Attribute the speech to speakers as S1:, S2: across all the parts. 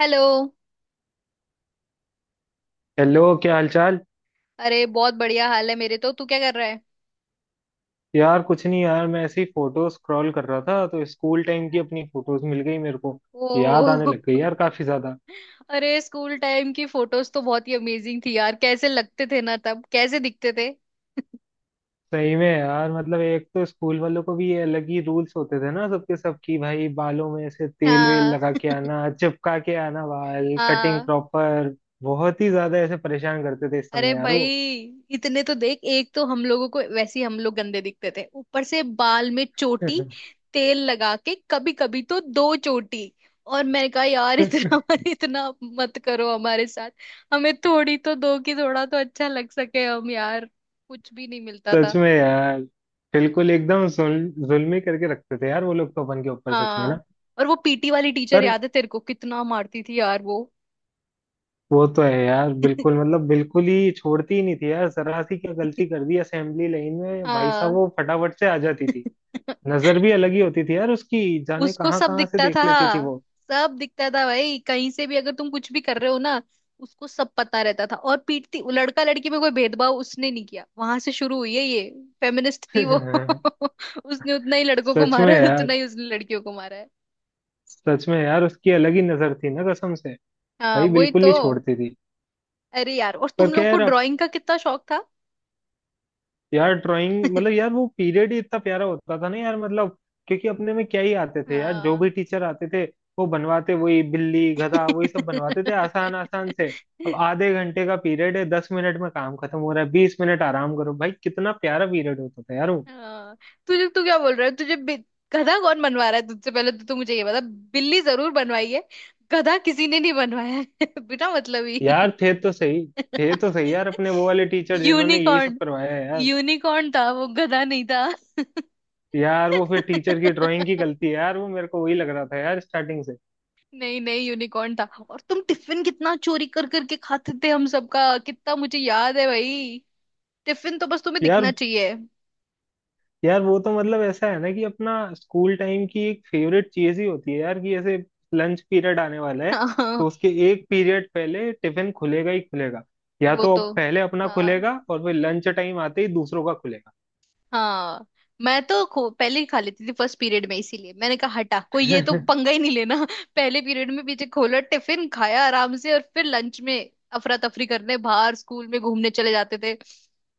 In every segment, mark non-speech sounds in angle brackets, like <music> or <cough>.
S1: Hello.
S2: Hello, क्या हालचाल।
S1: अरे बहुत बढ़िया हाल है मेरे तो। तू क्या कर रहा है?
S2: यार कुछ नहीं यार, मैं ऐसी फोटो स्क्रॉल कर रहा था तो स्कूल टाइम की अपनी फोटोज मिल गई मेरे को। याद आने
S1: ओहो।
S2: लग गई यार काफी ज्यादा।
S1: <laughs> अरे स्कूल टाइम की फोटोज तो बहुत ही अमेजिंग थी यार, कैसे लगते थे ना तब, कैसे दिखते थे।
S2: सही में यार, मतलब एक तो स्कूल वालों को भी ये अलग ही रूल्स होते थे ना सबके, सब की भाई बालों में से तेल वेल
S1: हाँ।
S2: लगा के आना, चिपका के आना, बाल
S1: <laughs>
S2: कटिंग
S1: हाँ।
S2: प्रॉपर। बहुत ही ज्यादा ऐसे परेशान करते थे इस
S1: अरे
S2: समय यार
S1: भाई,
S2: वो।
S1: इतने तो देख, एक तो हम लोगों को वैसे ही हम लोग गंदे दिखते थे, ऊपर से बाल में चोटी, तेल लगा के, कभी कभी तो दो चोटी। और मैंने कहा यार इतना
S2: <laughs>
S1: <laughs> इतना मत करो हमारे साथ। हमें थोड़ी तो दो की थोड़ा तो अच्छा लग सके हम यार। कुछ भी नहीं मिलता
S2: सच
S1: था।
S2: में यार, बिल्कुल एकदम जुल्म ही करके रखते थे यार वो लोग तो अपन के ऊपर सच में
S1: हाँ।
S2: ना।
S1: और वो पीटी वाली टीचर
S2: पर
S1: याद है तेरे को, कितना मारती थी यार वो।
S2: वो तो है यार, बिल्कुल मतलब बिल्कुल ही छोड़ती ही नहीं थी यार, जरा सी क्या गलती कर
S1: <laughs>
S2: दी असेंबली लाइन में, भाई साहब
S1: हाँ।
S2: वो फटाफट से आ जाती थी। नजर भी
S1: <laughs>
S2: अलग ही होती थी यार उसकी, जाने
S1: उसको
S2: कहाँ
S1: सब
S2: कहाँ से
S1: दिखता था।
S2: देख लेती थी वो।
S1: सब दिखता था भाई, कहीं से भी अगर तुम कुछ भी कर रहे हो ना, उसको सब पता रहता था। और पीटती, लड़का लड़की में कोई भेदभाव उसने नहीं किया। वहां से शुरू हुई है ये फेमिनिस्ट थी वो।
S2: <laughs>
S1: <laughs> उसने उतना ही लड़कों को
S2: सच में
S1: मारा है
S2: यार।
S1: उतना ही उसने लड़कियों को मारा है।
S2: सच में यार, उसकी अलग ही नजर थी ना कसम से।
S1: हाँ,
S2: भाई
S1: वही
S2: बिल्कुल
S1: तो।
S2: ही छोड़ती थी।
S1: अरे यार, और
S2: पर
S1: तुम लोग को
S2: खैर अब,
S1: ड्राइंग का कितना शौक था।
S2: यार ड्राइंग मतलब यार
S1: <laughs>
S2: वो पीरियड ही इतना प्यारा होता था ना यार, मतलब क्योंकि अपने में क्या ही आते थे यार, जो भी
S1: हाँ।
S2: टीचर आते थे वो बनवाते वही बिल्ली गधा, वही सब बनवाते थे आसान आसान से। अब
S1: <laughs>
S2: आधे घंटे का पीरियड है, 10 मिनट में काम खत्म हो रहा है, 20 मिनट आराम करो भाई। कितना प्यारा पीरियड होता था यार वो।
S1: हाँ। तुझे, तू क्या बोल रहा है? तुझे गधा कौन बनवा रहा है तुझसे? पहले तो तू मुझे ये बता। बिल्ली जरूर बनवाई है, गधा किसी ने नहीं बनवाया है। <laughs> बिना मतलब ही।
S2: यार थे तो सही, थे तो सही यार अपने वो वाले टीचर
S1: <laughs>
S2: जिन्होंने यही सब
S1: यूनिकॉर्न।
S2: करवाया है यार।
S1: यूनिकॉर्न था वो, गधा नहीं था।
S2: यार वो फिर टीचर की ड्राइंग की
S1: <laughs>
S2: गलती है यार, वो मेरे को वही लग रहा था यार स्टार्टिंग से।
S1: नहीं नहीं, यूनिकॉर्न था। और तुम टिफिन कितना चोरी कर करके खाते थे हम सबका, कितना मुझे याद है भाई। टिफिन तो बस तुम्हें दिखना
S2: यार
S1: चाहिए।
S2: यार वो तो मतलब ऐसा है ना, कि अपना स्कूल टाइम की एक फेवरेट चीज ही होती है यार, कि ऐसे लंच पीरियड आने वाला है
S1: <laughs> हाँ।
S2: तो उसके एक पीरियड पहले टिफिन खुलेगा ही खुलेगा। या
S1: वो
S2: तो
S1: तो
S2: अब पहले अपना
S1: हाँ
S2: खुलेगा और फिर लंच टाइम आते ही दूसरों का खुलेगा।
S1: हाँ, मैं तो पहले ही खा लेती थी फर्स्ट पीरियड में। इसीलिए मैंने कहा हटा कोई, ये तो
S2: <laughs>
S1: पंगा ही नहीं लेना। <laughs> पहले पीरियड में पीछे खोला, टिफिन खाया आराम से, और फिर लंच में अफरा तफरी करने बाहर स्कूल में घूमने चले जाते थे।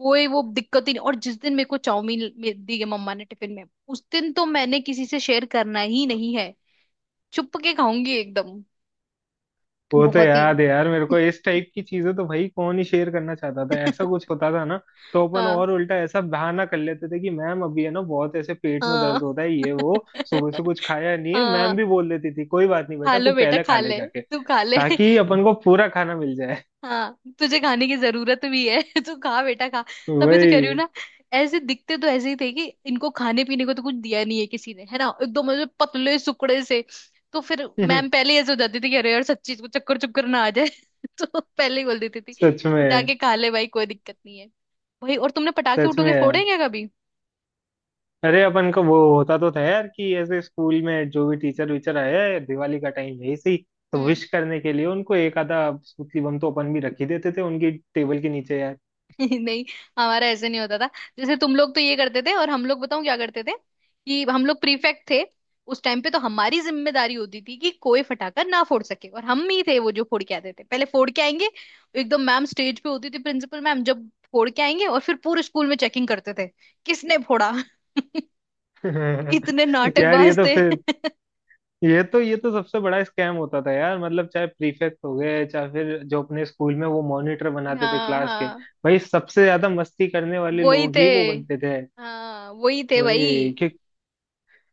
S1: कोई वो दिक्कत ही नहीं। और जिस दिन मेरे को चाउमीन दी है मम्मा ने टिफिन में, उस दिन तो मैंने किसी से शेयर करना ही नहीं है, चुप के खाऊंगी एकदम।
S2: वो तो
S1: बहुत ही।
S2: याद है यार मेरे को, इस टाइप की चीजें तो भाई कौन ही शेयर करना चाहता था, ऐसा कुछ
S1: <laughs>
S2: होता था ना। तो अपन
S1: हाँ
S2: और उल्टा ऐसा बहाना कर लेते थे कि मैम अभी है ना बहुत ऐसे पेट में
S1: हाँ।
S2: दर्द होता है ये वो, सुबह से
S1: <laughs>
S2: कुछ खाया नहीं है। मैम
S1: हाँ,
S2: भी बोल देती थी कोई बात नहीं
S1: खा
S2: बेटा तू
S1: लो बेटा,
S2: पहले
S1: खा
S2: खा ले
S1: ले।
S2: जाके,
S1: तू खा ले।
S2: ताकि
S1: <laughs>
S2: अपन को पूरा खाना मिल जाए।
S1: हाँ, तुझे खाने की जरूरत भी है। <laughs> तू खा बेटा खा। तभी तो कह रही हूँ
S2: वही।
S1: ना। ऐसे दिखते तो ऐसे ही थे कि इनको खाने पीने को तो कुछ दिया नहीं है किसी ने, है ना, एकदम ऐसे पतले सुकड़े से। तो फिर मैम
S2: <laughs>
S1: पहले ही ऐसे हो जाती थी कि अरे यार सच्ची इसको चक्कर चुक्कर ना आ जाए। <laughs> तो पहले ही बोल देती थी,
S2: सच में।
S1: जाके खा ले भाई, कोई दिक्कत नहीं है। भाई, और तुमने पटाखे
S2: सच
S1: उठो
S2: में
S1: के फोड़े
S2: है।
S1: हैं क्या कभी?
S2: अरे अपन को वो होता तो था यार, कि ऐसे स्कूल में जो भी टीचर वीचर आए, दिवाली का टाइम है इसी तो विश करने के लिए उनको एक आधा स्मृति बम तो अपन भी रख ही देते थे उनकी टेबल के नीचे यार।
S1: <laughs> नहीं, हमारा ऐसे नहीं होता था। जैसे तुम लोग तो ये करते थे, और हम लोग, बताऊं क्या करते थे? कि हम लोग प्रीफेक्ट थे उस टाइम पे, तो हमारी जिम्मेदारी होती थी कि कोई फटाका ना फोड़ सके, और हम ही थे वो जो फोड़ के आते थे। पहले फोड़ के आएंगे, एकदम मैम स्टेज पे होती थी प्रिंसिपल मैम, जब फोड़ के आएंगे, और फिर पूरे स्कूल में चेकिंग करते थे किसने फोड़ा। <laughs> इतने
S2: <laughs> यार ये
S1: नाटकबाज
S2: तो
S1: थे।
S2: फिर,
S1: <laughs>
S2: ये तो सबसे बड़ा स्कैम होता था यार, मतलब चाहे प्रीफेक्ट हो गए चाहे फिर जो अपने स्कूल में वो मॉनिटर बनाते थे
S1: हाँ
S2: क्लास के,
S1: हाँ
S2: भाई सबसे ज्यादा मस्ती करने वाले
S1: वही
S2: लोग
S1: थे,
S2: ही वो बनते थे।
S1: हाँ वही थे
S2: भाई
S1: भाई।
S2: कि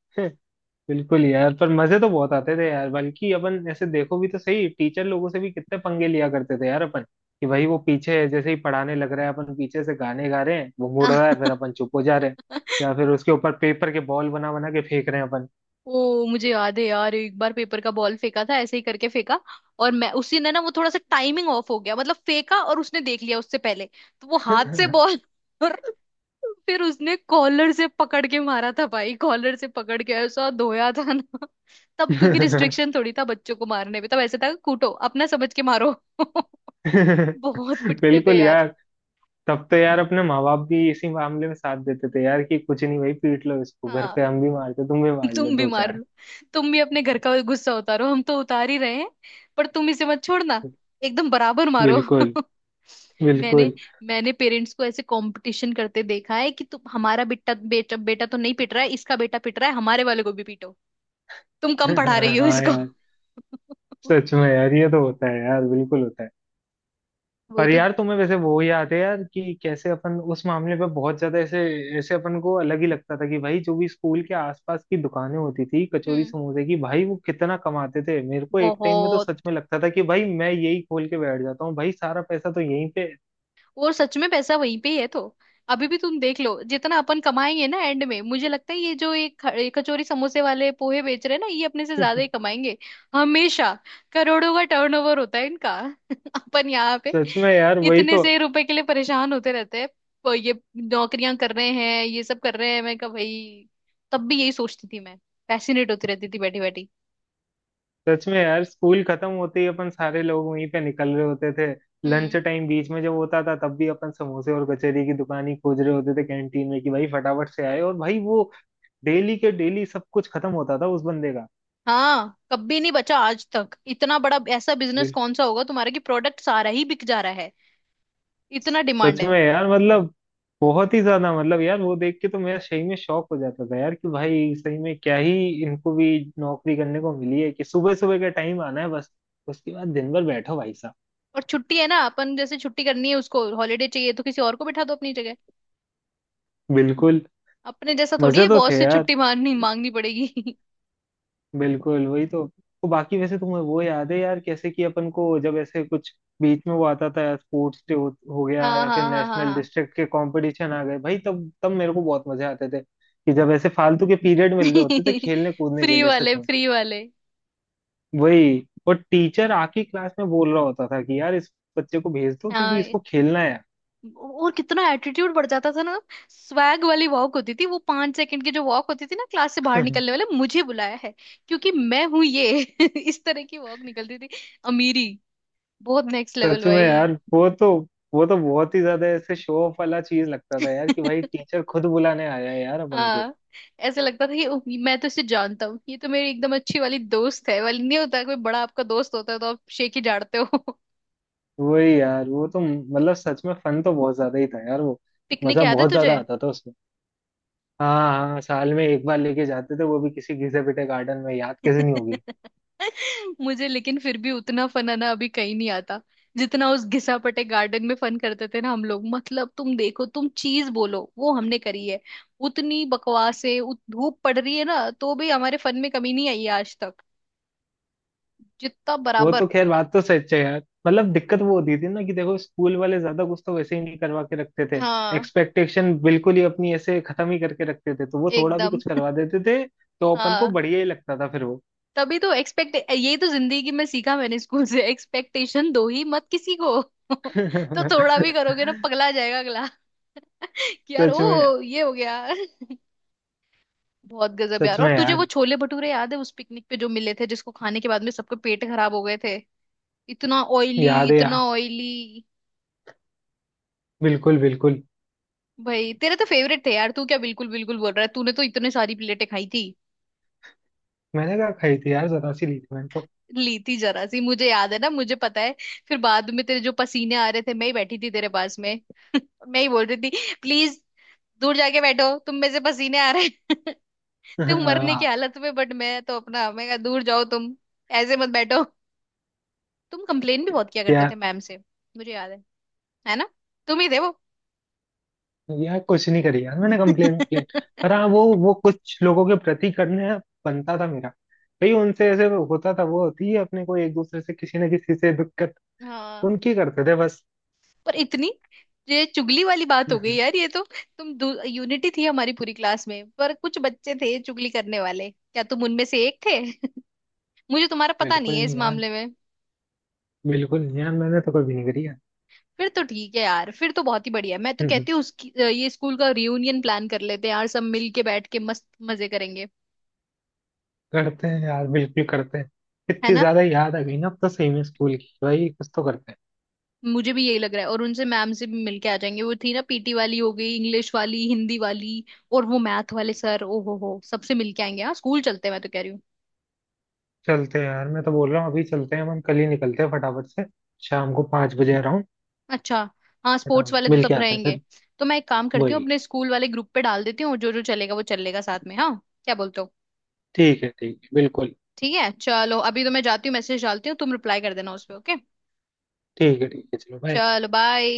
S2: <laughs> बिल्कुल यार। पर मजे तो बहुत आते थे यार, बल्कि अपन ऐसे देखो भी तो सही, टीचर लोगों से भी कितने पंगे लिया करते थे यार अपन। कि भाई वो पीछे है, जैसे ही पढ़ाने लग रहा है अपन पीछे से गाने गा रहे हैं, वो मुड़ रहा है फिर अपन चुप हो जा रहे हैं। या
S1: <laughs>
S2: फिर उसके ऊपर पेपर के बॉल बना बना के फेंक रहे हैं अपन।
S1: ओ, मुझे याद है यार, एक बार पेपर का बॉल फेंका था, ऐसे ही करके फेंका, और मैं उसी ने ना, वो थोड़ा सा टाइमिंग ऑफ हो गया, मतलब फेंका और उसने देख लिया उससे पहले, तो वो हाथ से बॉल <laughs> और फिर उसने कॉलर से पकड़ के मारा था भाई, कॉलर से पकड़ के ऐसा धोया था ना। <laughs> तब क्योंकि रिस्ट्रिक्शन थोड़ी था बच्चों को मारने में, तब ऐसे था, कूटो अपना समझ के मारो। <laughs> बहुत
S2: <laughs>
S1: पिटते थे
S2: बिल्कुल
S1: यार।
S2: यार। तब तो यार अपने माँ बाप भी इसी मामले में साथ देते थे यार, कि कुछ नहीं भाई पीट लो इसको, घर
S1: हाँ।
S2: पे हम भी मारते तुम भी मार
S1: <laughs>
S2: लो
S1: तुम भी
S2: दो
S1: मार
S2: चार।
S1: लो। तुम भी अपने घर का गुस्सा उतारो, हम तो उतार ही रहे हैं। पर तुम इसे मत छोड़ना, एकदम बराबर मारो।
S2: बिल्कुल,
S1: <laughs> मैंने
S2: बिल्कुल।
S1: मैंने पेरेंट्स को ऐसे कंपटीशन करते देखा है कि तुम हमारा बेटा, बेटा बेटा तो नहीं पिट रहा है, इसका बेटा पिट रहा है, हमारे वाले को भी पीटो, तुम
S2: <laughs>
S1: कम पढ़ा रही हो
S2: हाँ
S1: इसको।
S2: यार।
S1: <laughs>
S2: सच में यार, ये तो होता है यार, बिल्कुल होता है।
S1: वही
S2: पर
S1: तो।
S2: यार तुम्हें वैसे वो याद है यार, कि कैसे अपन उस मामले पे बहुत ज्यादा ऐसे, ऐसे अपन को अलग ही लगता था कि भाई जो भी स्कूल के आसपास की दुकानें होती थी कचौरी
S1: हम्म,
S2: समोसे की, भाई वो कितना कमाते थे। मेरे को एक टाइम में तो
S1: बहुत।
S2: सच में लगता था कि भाई मैं यही खोल के बैठ जाता हूँ, भाई सारा पैसा तो यहीं पे।
S1: और सच में पैसा वहीं पे ही है तो। अभी भी तुम देख लो, जितना अपन कमाएंगे ना एंड में, मुझे लगता है ये जो एक ये कचौरी समोसे वाले पोहे बेच रहे हैं ना, ये अपने से ज्यादा
S2: <laughs>
S1: ही कमाएंगे हमेशा। करोड़ों का टर्नओवर होता है इनका। <laughs> अपन यहाँ पे
S2: सच में यार, वही
S1: इतने
S2: तो।
S1: से रुपए के लिए परेशान होते रहते हैं। ये नौकरियां कर रहे हैं, ये सब कर रहे हैं। मैं कहा भाई, तब भी यही सोचती थी मैं, फैसिनेट होती रहती थी बैठी बैठी।
S2: सच में यार, स्कूल खत्म होते ही अपन सारे लोग वहीं पे निकल रहे होते थे।
S1: हम्म।
S2: लंच टाइम बीच में जब होता था तब भी अपन समोसे और कचौरी की दुकान ही खोज रहे होते थे कैंटीन में, कि भाई फटाफट से आए, और भाई वो डेली के डेली सब कुछ खत्म होता था उस बंदे का।
S1: हाँ, कभी नहीं बचा आज तक। इतना बड़ा ऐसा बिजनेस
S2: बिल्कुल।
S1: कौन सा होगा तुम्हारा कि प्रोडक्ट सारा ही बिक जा रहा है। इतना डिमांड
S2: सच
S1: है।
S2: में यार मतलब, बहुत ही ज्यादा मतलब यार वो देख के तो मेरा सही में शौक हो जाता था यार, कि भाई सही में क्या ही, इनको भी नौकरी करने को मिली है कि सुबह सुबह का टाइम आना है बस, उसके बाद दिन भर बैठो भाई साहब।
S1: और छुट्टी है ना, अपन जैसे छुट्टी करनी है, उसको हॉलीडे चाहिए तो किसी और को बैठा दो अपनी जगह।
S2: बिल्कुल।
S1: अपने जैसा थोड़ी
S2: मजे
S1: है
S2: तो
S1: बॉस
S2: थे
S1: से
S2: यार।
S1: छुट्टी मांगनी मांगनी पड़ेगी।
S2: बिल्कुल वही तो। वो बाकी वैसे तुम्हें वो याद है यार कैसे कि अपन को, जब ऐसे कुछ बीच में वो आता था यार स्पोर्ट्स डे हो
S1: <laughs>
S2: गया,
S1: हाँ
S2: या फिर
S1: हाँ हाँ हाँ
S2: नेशनल
S1: हाँ।
S2: डिस्ट्रिक्ट के कंपटीशन आ गए, भाई तब तब मेरे को बहुत मजे आते थे कि जब ऐसे फालतू के पीरियड मिल रहे होते थे
S1: <laughs>
S2: खेलने कूदने के
S1: फ्री
S2: लिए सच
S1: वाले,
S2: में।
S1: फ्री वाले।
S2: वही, और टीचर आके क्लास में बोल रहा होता था कि यार इस बच्चे को भेज दो क्योंकि
S1: हाँ,
S2: इसको खेलना है।
S1: और कितना एटीट्यूड बढ़ जाता था ना। स्वैग वाली वॉक होती थी वो, 5 सेकंड की जो वॉक होती थी ना क्लास से बाहर
S2: यार।
S1: निकलने वाले, मुझे बुलाया है क्योंकि मैं हूं ये। <laughs> इस तरह की वॉक निकलती थी। अमीरी बहुत नेक्स्ट
S2: <laughs>
S1: लेवल
S2: सच में
S1: भाई।
S2: यार वो तो, वो तो बहुत ही ज्यादा ऐसे शो ऑफ वाला चीज लगता था यार, कि भाई
S1: <laughs>
S2: टीचर खुद बुलाने आया है यार अपन को।
S1: हाँ, ऐसे लगता था कि "उफ, मैं तो इसे जानता हूँ, ये तो मेरी एकदम अच्छी वाली दोस्त है" वाली। नहीं होता, कोई बड़ा आपका दोस्त होता है तो आप शेख ही झाड़ते हो। <laughs>
S2: वही यार, वो तो मतलब सच में फन तो बहुत ज्यादा ही था यार वो।
S1: पिकनिक
S2: मजा
S1: याद है
S2: बहुत
S1: तुझे?
S2: ज्यादा आता था उसमें। हाँ हाँ, साल में एक बार लेके जाते थे वो भी किसी घिसे पिटे गार्डन में, याद कैसे नहीं होगी।
S1: <laughs> मुझे लेकिन फिर भी उतना फन आना अभी कहीं नहीं आता, जितना उस घिसापटे गार्डन में फन करते थे ना हम लोग। मतलब तुम देखो, तुम चीज बोलो वो हमने करी है। उतनी बकवास है, उत धूप पड़ रही है ना, तो भी हमारे फन में कमी नहीं आई है आज तक, जितना
S2: वो तो
S1: बराबर।
S2: खैर बात तो सच है यार, मतलब दिक्कत वो होती थी ना कि देखो, स्कूल वाले ज्यादा कुछ तो वैसे ही नहीं करवा के रखते थे,
S1: हाँ,
S2: एक्सपेक्टेशन बिल्कुल ही अपनी ऐसे खत्म ही करके रखते थे, तो वो थोड़ा भी
S1: एकदम।
S2: कुछ करवा देते थे तो अपन को
S1: हाँ,
S2: बढ़िया ही लगता था फिर वो।
S1: तभी तो एक्सपेक्ट, ये तो जिंदगी में सीखा मैंने स्कूल से, एक्सपेक्टेशन दो ही मत किसी को। <laughs> तो थोड़ा भी
S2: <laughs>
S1: करोगे ना पगला जाएगा अगला। <laughs> कि यार
S2: सच में।
S1: ओ ये हो गया। <laughs> बहुत गजब
S2: सच
S1: यार। और
S2: में
S1: तुझे वो
S2: यार,
S1: छोले भटूरे याद है उस पिकनिक पे जो मिले थे, जिसको खाने के बाद में सबके पेट खराब हो गए थे? इतना ऑयली,
S2: याद है यार,
S1: इतना ऑयली।
S2: बिल्कुल बिल्कुल।
S1: भाई, तेरे तो फेवरेट थे यार, तू क्या बिल्कुल बिल्कुल बोल रहा है? तूने तो इतने सारी प्लेटें खाई थी।
S2: मैंने कहा खाई थी यार, जरा सी ली थी मैंने तो।
S1: ली थी जरा सी, मुझे याद है ना, मुझे पता है। फिर बाद में तेरे जो पसीने आ रहे थे, मैं ही बैठी थी तेरे पास में। <laughs> मैं ही बोल रही थी प्लीज दूर जाके बैठो, तुम में से पसीने आ रहे हैं। <laughs> तुम
S2: <laughs>
S1: मरने की
S2: हाँ।
S1: हालत में, बट मैं तो अपना, मैं कहा दूर जाओ तुम, ऐसे मत बैठो। तुम कंप्लेन भी बहुत किया करते
S2: यार,
S1: थे मैम से, मुझे याद है। है ना, तुम ही थे वो।
S2: यार कुछ नहीं करी यार मैंने कंप्लेन, कंप्लेन पर हाँ,
S1: <laughs>
S2: वो कुछ लोगों के प्रति करने बनता था मेरा। भाई उनसे ऐसे होता था, वो होती है अपने को एक दूसरे से किसी ना किसी से दिक्कत,
S1: हाँ।
S2: उनकी करते थे बस।
S1: पर इतनी, ये चुगली वाली बात हो गई
S2: <laughs>
S1: यार, ये तो। तुम, यूनिटी थी हमारी पूरी क्लास में, पर कुछ बच्चे थे चुगली करने वाले, क्या तुम उनमें से एक थे? <laughs> मुझे तुम्हारा पता
S2: बिल्कुल
S1: नहीं है इस
S2: नहीं यार।
S1: मामले में।
S2: बिल्कुल नहीं यार, मैंने तो कभी नहीं करी यार।
S1: फिर तो ठीक है यार, फिर तो बहुत ही बढ़िया। मैं तो
S2: <laughs>
S1: कहती हूँ उसकी ये स्कूल का रियूनियन प्लान कर लेते हैं यार, सब मिल के बैठ के मस्त मजे करेंगे।
S2: करते हैं यार, बिल्कुल करते हैं।
S1: है
S2: इतनी
S1: ना?
S2: ज्यादा याद आ गई ना अब तो सही में स्कूल की, भाई कुछ तो करते हैं।
S1: मुझे भी यही लग रहा है। और उनसे, मैम से भी मिल के आ जाएंगे, वो थी ना पीटी वाली, हो गई इंग्लिश वाली, हिंदी वाली, और वो मैथ वाले सर, ओ हो, सबसे मिल के आएंगे। हाँ स्कूल चलते हैं, मैं तो कह रही हूँ।
S2: चलते हैं यार, मैं तो बोल रहा हूँ अभी चलते हैं, हम कल ही निकलते हैं फटाफट से। शाम को 5 बजे आ रहा हूँ।
S1: अच्छा, हाँ
S2: बट
S1: स्पोर्ट्स
S2: हम
S1: वाले तो
S2: मिल के
S1: तब
S2: आते हैं
S1: रहेंगे।
S2: फिर।
S1: तो मैं एक काम करती हूँ,
S2: वही।
S1: अपने स्कूल वाले ग्रुप पे डाल देती हूँ, जो जो चलेगा वो चलेगा साथ में। हाँ, क्या बोलते हो?
S2: ठीक है, ठीक है, बिल्कुल।
S1: ठीक है, चलो, अभी तो मैं जाती हूँ, मैसेज डालती हूँ, तुम रिप्लाई कर देना उस पे, ओके।
S2: ठीक है ठीक है, चलो बाय।
S1: चलो बाय।